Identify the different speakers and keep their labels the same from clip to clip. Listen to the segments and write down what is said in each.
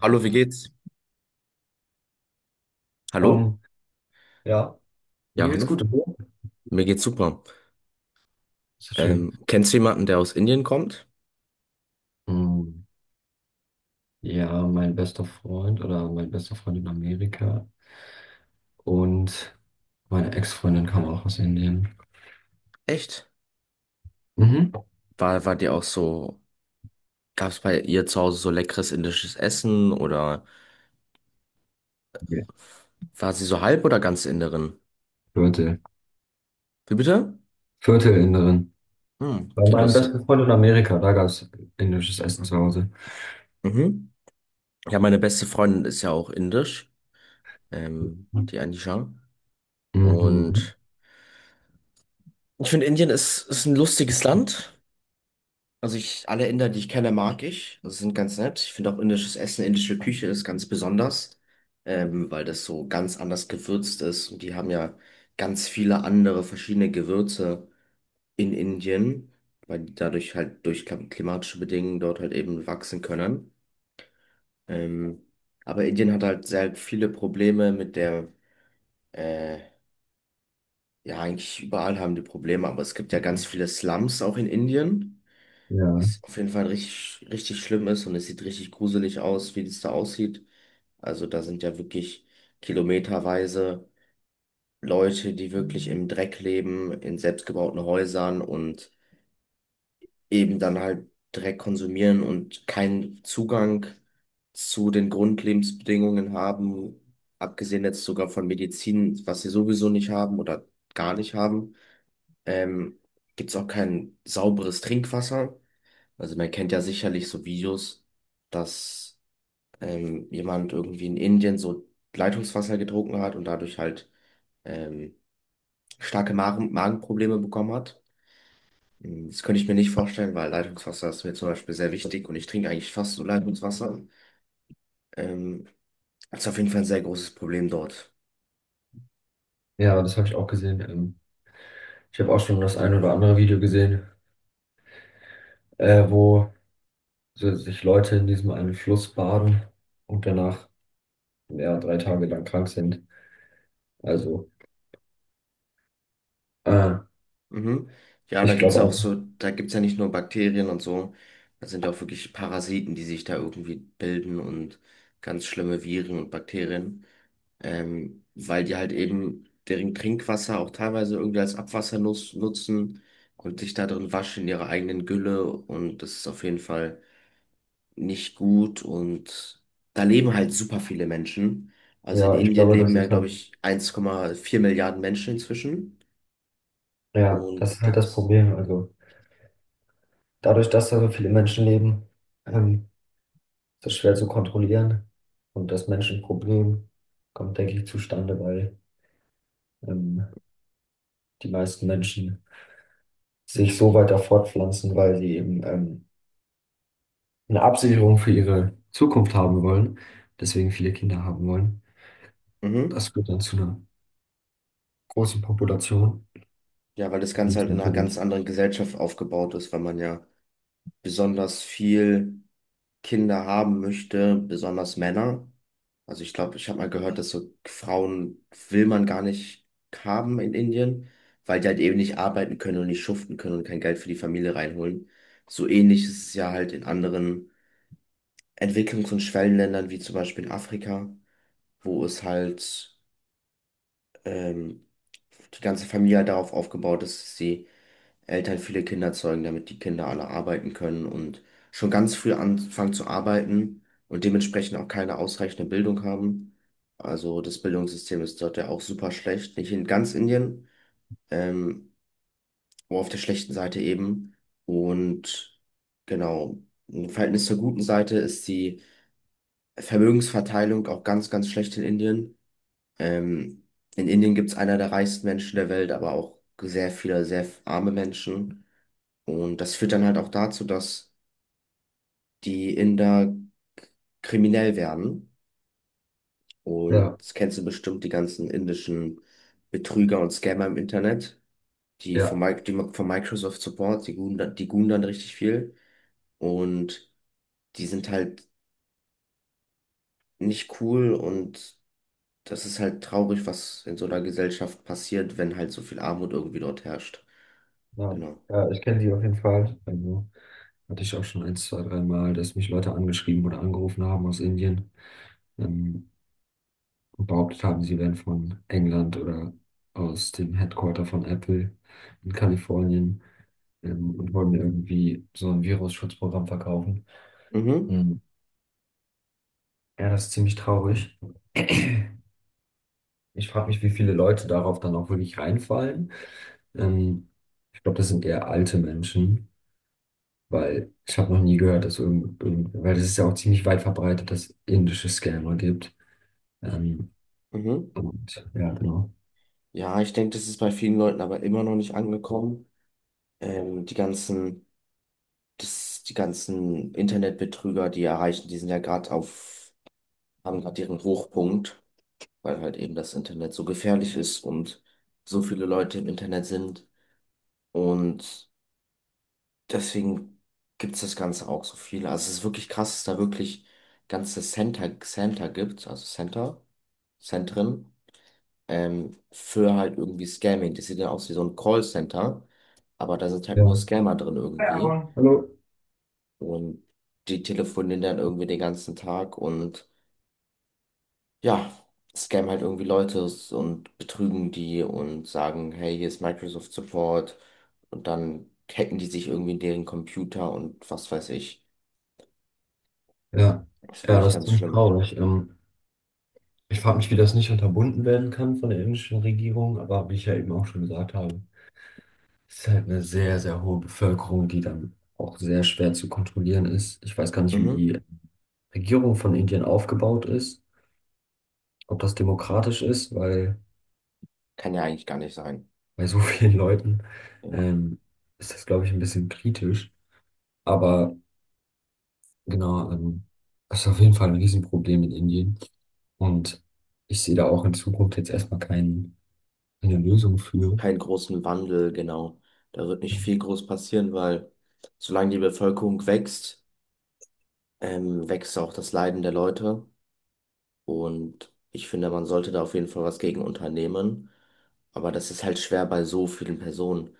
Speaker 1: Hallo, wie geht's? Hallo?
Speaker 2: Ähm, ja,
Speaker 1: Ja,
Speaker 2: mir geht's
Speaker 1: hallo.
Speaker 2: gut. Und dir?
Speaker 1: Mir geht's super.
Speaker 2: Ist das schön.
Speaker 1: Kennst du jemanden, der aus Indien kommt?
Speaker 2: Hm, ja, mein bester Freund oder mein bester Freund in Amerika und meine Ex-Freundin kam auch aus Indien.
Speaker 1: Echt?
Speaker 2: Mhm.
Speaker 1: War dir auch so, gab's bei ihr zu Hause so leckeres indisches Essen, oder
Speaker 2: Okay.
Speaker 1: war sie so halb oder ganz Inderin?
Speaker 2: Viertel.
Speaker 1: Wie bitte?
Speaker 2: Viertelinderin.
Speaker 1: Hm,
Speaker 2: Bei
Speaker 1: okay,
Speaker 2: meinem
Speaker 1: lustig.
Speaker 2: besten Freund in Amerika, da gab's indisches Essen zu Hause.
Speaker 1: Mhm. Ja, meine beste Freundin ist ja auch indisch, die Anisha.
Speaker 2: Mhm.
Speaker 1: Und ich finde, Indien ist ein lustiges Land. Also ich, alle Inder, die ich kenne, mag ich. Das sind ganz nett. Ich finde auch indisches Essen, indische Küche ist ganz besonders, weil das so ganz anders gewürzt ist. Und die haben ja ganz viele andere verschiedene Gewürze in Indien, weil die dadurch halt durch klimatische Bedingungen dort halt eben wachsen können. Ähm, aber Indien hat halt sehr viele Probleme mit der, äh, ja, eigentlich überall haben die Probleme, aber es gibt ja ganz viele Slums auch in Indien.
Speaker 2: Ja,
Speaker 1: Was auf jeden Fall richtig, richtig schlimm ist, und es sieht richtig gruselig aus, wie das da aussieht. Also da sind ja wirklich kilometerweise Leute, die wirklich im Dreck leben, in selbstgebauten Häusern, und eben dann halt Dreck konsumieren und keinen Zugang zu den Grundlebensbedingungen haben, abgesehen jetzt sogar von Medizin, was sie sowieso nicht haben oder gar nicht haben. Ähm, Gibt es auch kein sauberes Trinkwasser. Also man kennt ja sicherlich so Videos, dass jemand irgendwie in Indien so Leitungswasser getrunken hat und dadurch halt ähm, starke Magenprobleme bekommen hat. Das könnte ich mir nicht vorstellen, weil Leitungswasser ist mir zum Beispiel sehr wichtig und ich trinke eigentlich fast so Leitungswasser. Ähm, Das ist auf jeden Fall ein sehr großes Problem dort.
Speaker 2: ja, das habe ich auch gesehen. Ich habe auch schon das ein oder andere Video gesehen, wo so sich Leute in diesem einen Fluss baden und danach ja, drei Tage lang krank sind. Also, äh,
Speaker 1: Mhm. Ja, da
Speaker 2: ich
Speaker 1: gibt's
Speaker 2: glaube
Speaker 1: ja auch
Speaker 2: auch.
Speaker 1: so, da gibt's ja nicht nur Bakterien und so, da sind ja auch wirklich Parasiten, die sich da irgendwie bilden, und ganz schlimme Viren und Bakterien. Weil die halt eben deren Trinkwasser auch teilweise irgendwie als Abwasser nutzen und sich da drin waschen in ihrer eigenen Gülle, und das ist auf jeden Fall nicht gut, und da leben halt super viele Menschen. Also in
Speaker 2: Ja, ich
Speaker 1: Indien
Speaker 2: glaube,
Speaker 1: leben
Speaker 2: das
Speaker 1: ja,
Speaker 2: ist
Speaker 1: glaube
Speaker 2: halt,
Speaker 1: ich, 1,4 Milliarden Menschen inzwischen
Speaker 2: ja, das
Speaker 1: und
Speaker 2: ist halt das
Speaker 1: das,
Speaker 2: Problem. Also, dadurch, dass da so viele Menschen leben, ähm, ist es schwer zu kontrollieren. Und das Menschenproblem kommt, denke ich, zustande, weil ähm, die meisten Menschen sich so weiter fortpflanzen, weil sie eben eine Absicherung für ihre Zukunft haben wollen, deswegen viele Kinder haben wollen.
Speaker 1: mhm.
Speaker 2: Das führt dann zu einer großen Population.
Speaker 1: Ja, weil das
Speaker 2: Und
Speaker 1: Ganze
Speaker 2: ist
Speaker 1: halt in einer ganz
Speaker 2: natürlich.
Speaker 1: anderen Gesellschaft aufgebaut ist, weil man ja besonders viel Kinder haben möchte, besonders Männer. Also ich glaube, ich habe mal gehört, dass so Frauen will man gar nicht haben in Indien, weil die halt eben nicht arbeiten können und nicht schuften können und kein Geld für die Familie reinholen. So ähnlich ist es ja halt in anderen Entwicklungs- und Schwellenländern, wie zum Beispiel in Afrika, wo es halt ähm, die ganze Familie halt darauf aufgebaut ist, dass sie Eltern viele Kinder zeugen, damit die Kinder alle arbeiten können und schon ganz früh anfangen zu arbeiten und dementsprechend auch keine ausreichende Bildung haben. Also das Bildungssystem ist dort ja auch super schlecht, nicht in ganz Indien, ähm, aber auf der schlechten Seite eben. Und genau, im Verhältnis zur guten Seite ist die Vermögensverteilung auch ganz, ganz schlecht in Indien. Ähm, in Indien gibt es einer der reichsten Menschen der Welt, aber auch sehr viele, sehr arme Menschen. Und das führt dann halt auch dazu, dass die Inder k- kriminell werden. Und
Speaker 2: Ja,
Speaker 1: das kennst du bestimmt, die ganzen indischen Betrüger und Scammer im Internet, die von,
Speaker 2: ja.
Speaker 1: Die von Microsoft Support, die guhen, die guhen dann richtig viel. Und die sind halt nicht cool, und das ist halt traurig, was in so einer Gesellschaft passiert, wenn halt so viel Armut irgendwie dort herrscht.
Speaker 2: Ja,
Speaker 1: Genau.
Speaker 2: ja, ich kenne die auf jeden Fall. Also, hatte ich auch schon ein, zwei, drei Mal, dass mich Leute angeschrieben oder angerufen haben aus Indien, ähm, und behauptet haben, sie wären von England oder aus dem Headquarter von Apple in Kalifornien, und wollen mir irgendwie so ein Virusschutzprogramm verkaufen.
Speaker 1: Mhm,
Speaker 2: Mhm. Ja, das ist ziemlich traurig. Ich frage mich, wie viele Leute darauf dann auch wirklich reinfallen. Ähm, Ich glaube, das sind eher alte Menschen. Weil ich habe noch nie gehört, dass weil es ist ja auch ziemlich weit verbreitet, dass es indische Scammer gibt. Ähm,
Speaker 1: mhm.
Speaker 2: und ja, genau.
Speaker 1: Ja, ich denke, das ist bei vielen Leuten aber immer noch nicht angekommen. Die ganzen die ganzen Internetbetrüger, die erreichen, die sind ja gerade auf, haben gerade ihren Hochpunkt, weil halt eben das Internet so gefährlich ist und so viele Leute im Internet sind. Und deswegen gibt es das Ganze auch so viele. Also es ist wirklich krass, dass da wirklich ganze Center gibt, also Center, Zentren, für halt irgendwie Scamming. Das sieht dann aus wie so ein Callcenter, aber da sind halt nur
Speaker 2: Ja.
Speaker 1: Scammer drin
Speaker 2: Hi,
Speaker 1: irgendwie.
Speaker 2: Aaron. Hallo.
Speaker 1: Und die telefonieren dann irgendwie den ganzen Tag, und ja, scammen halt irgendwie Leute und betrügen die und sagen, hey, hier ist Microsoft Support. Und dann hacken die sich irgendwie in deren Computer und was weiß ich.
Speaker 2: Ja,
Speaker 1: Das ist
Speaker 2: ja,
Speaker 1: wirklich
Speaker 2: das ist
Speaker 1: ganz
Speaker 2: ziemlich
Speaker 1: schlimm.
Speaker 2: traurig. Ich frage mich, wie das nicht unterbunden werden kann von der indischen Regierung, aber wie ich ja eben auch schon gesagt habe, es ist halt eine sehr, sehr hohe Bevölkerung, die dann auch sehr schwer zu kontrollieren ist. Ich weiß gar nicht, wie
Speaker 1: Mhm.
Speaker 2: die Regierung von Indien aufgebaut ist, ob das demokratisch ist, weil
Speaker 1: Kann ja eigentlich gar nicht sein.
Speaker 2: bei so vielen Leuten
Speaker 1: Ja.
Speaker 2: ähm, ist das, glaube ich, ein bisschen kritisch. Aber genau, das ist auf jeden Fall ein Riesenproblem in Indien. Und ich sehe da auch in Zukunft jetzt erstmal keine Lösung für.
Speaker 1: Keinen großen Wandel, genau. Da wird nicht viel groß passieren, weil solange die Bevölkerung wächst, wächst auch das Leiden der Leute. Und ich finde, man sollte da auf jeden Fall was gegen unternehmen. Aber das ist halt schwer bei so vielen Personen.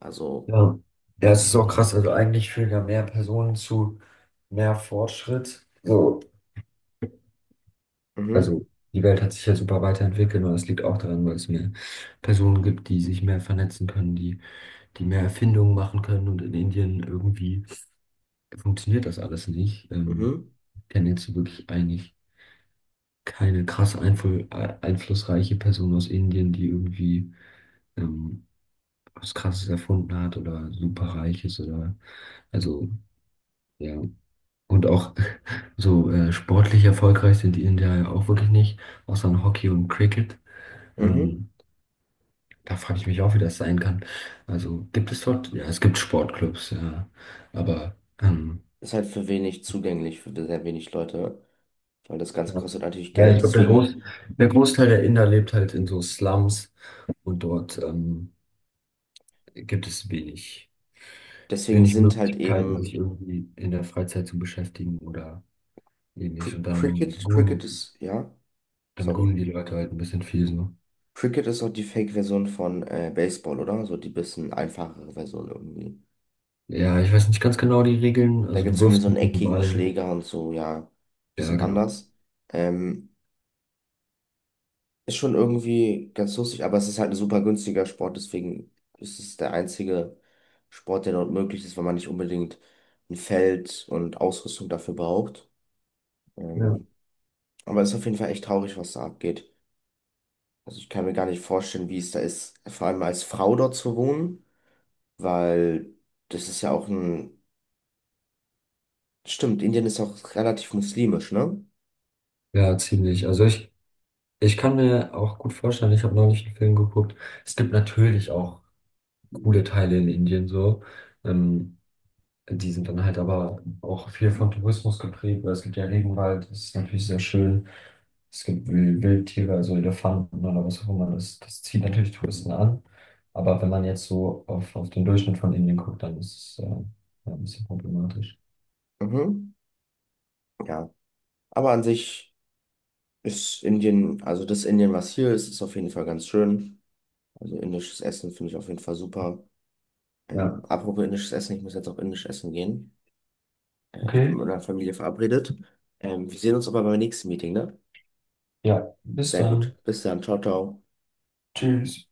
Speaker 1: Also,
Speaker 2: Ja. Ja, es ist auch krass. Also eigentlich führen ja mehr Personen zu mehr Fortschritt. So,
Speaker 1: mhm,
Speaker 2: also die Welt hat sich ja super weiterentwickelt und das liegt auch daran, weil es mehr Personen gibt, die sich mehr vernetzen können, die mehr Erfindungen machen können und in Indien irgendwie funktioniert das alles nicht.
Speaker 1: mhm,
Speaker 2: Ich kenne jetzt wirklich eigentlich keine krass einflussreiche Person aus Indien, die irgendwie ähm, was Krasses erfunden hat oder superreich ist oder also ja. Und auch so sportlich erfolgreich sind die Inder ja auch wirklich nicht, außer in Hockey und Cricket.
Speaker 1: mhm.
Speaker 2: Ähm, Da frage ich mich auch, wie das sein kann. Also gibt es dort, ja, es gibt Sportclubs, ja, aber ähm,
Speaker 1: Ist halt für wenig zugänglich, für sehr wenig Leute, weil das Ganze
Speaker 2: ja,
Speaker 1: kostet natürlich
Speaker 2: ja, ich
Speaker 1: Geld.
Speaker 2: glaube,
Speaker 1: Deswegen,
Speaker 2: Der Großteil der Inder lebt halt in so Slums und dort gibt es wenig,
Speaker 1: deswegen
Speaker 2: wenig
Speaker 1: sind halt
Speaker 2: Möglichkeiten,
Speaker 1: eben
Speaker 2: sich irgendwie in der Freizeit zu beschäftigen oder ähnlich. Und
Speaker 1: Cricket ist, ja,
Speaker 2: dann
Speaker 1: sorry.
Speaker 2: gunen die Leute halt ein bisschen viel so.
Speaker 1: Cricket ist auch die Fake-Version von Baseball, oder? So die bisschen einfachere Version irgendwie.
Speaker 2: Ja, ich weiß nicht ganz genau die Regeln.
Speaker 1: Da
Speaker 2: Also
Speaker 1: gibt
Speaker 2: du
Speaker 1: es irgendwie so
Speaker 2: wirfst
Speaker 1: einen
Speaker 2: mit dem
Speaker 1: eckigen
Speaker 2: Ball.
Speaker 1: Schläger und so, ja,
Speaker 2: Ja,
Speaker 1: bisschen
Speaker 2: genau.
Speaker 1: anders. Ähm, Ist schon irgendwie ganz lustig, aber es ist halt ein super günstiger Sport, deswegen ist es der einzige Sport, der dort möglich ist, weil man nicht unbedingt ein Feld und Ausrüstung dafür braucht.
Speaker 2: Ja.
Speaker 1: Ähm, aber es ist auf jeden Fall echt traurig, was da abgeht. Also ich kann mir gar nicht vorstellen, wie es da ist, vor allem als Frau dort zu wohnen, weil das ist ja auch ein... Stimmt, Indien ist auch relativ muslimisch, ne?
Speaker 2: Ja, ziemlich. Ich kann mir auch gut vorstellen, ich habe neulich einen Film geguckt. Es gibt natürlich auch coole Teile in Indien so. Ähm, Die sind dann halt aber auch viel von Tourismus geprägt, weil es gibt ja Regenwald, das ist natürlich sehr schön. Es gibt Wildtiere, also Elefanten oder was auch immer. Das zieht natürlich Touristen an. Aber wenn man jetzt so auf den Durchschnitt von Indien guckt, dann ist es ja, ein bisschen problematisch.
Speaker 1: Mhm, ja. Aber an sich ist Indien, also das Indien, was hier ist, ist auf jeden Fall ganz schön. Also indisches Essen finde ich auf jeden Fall super.
Speaker 2: Ja.
Speaker 1: Apropos indisches Essen, ich muss jetzt auch indisch essen gehen. Ich bin
Speaker 2: Okay.
Speaker 1: mit meiner Familie verabredet. Wir sehen uns aber beim nächsten Meeting, ne?
Speaker 2: Ja, bis
Speaker 1: Sehr gut.
Speaker 2: dann.
Speaker 1: Bis dann. Ciao, ciao.
Speaker 2: Tschüss.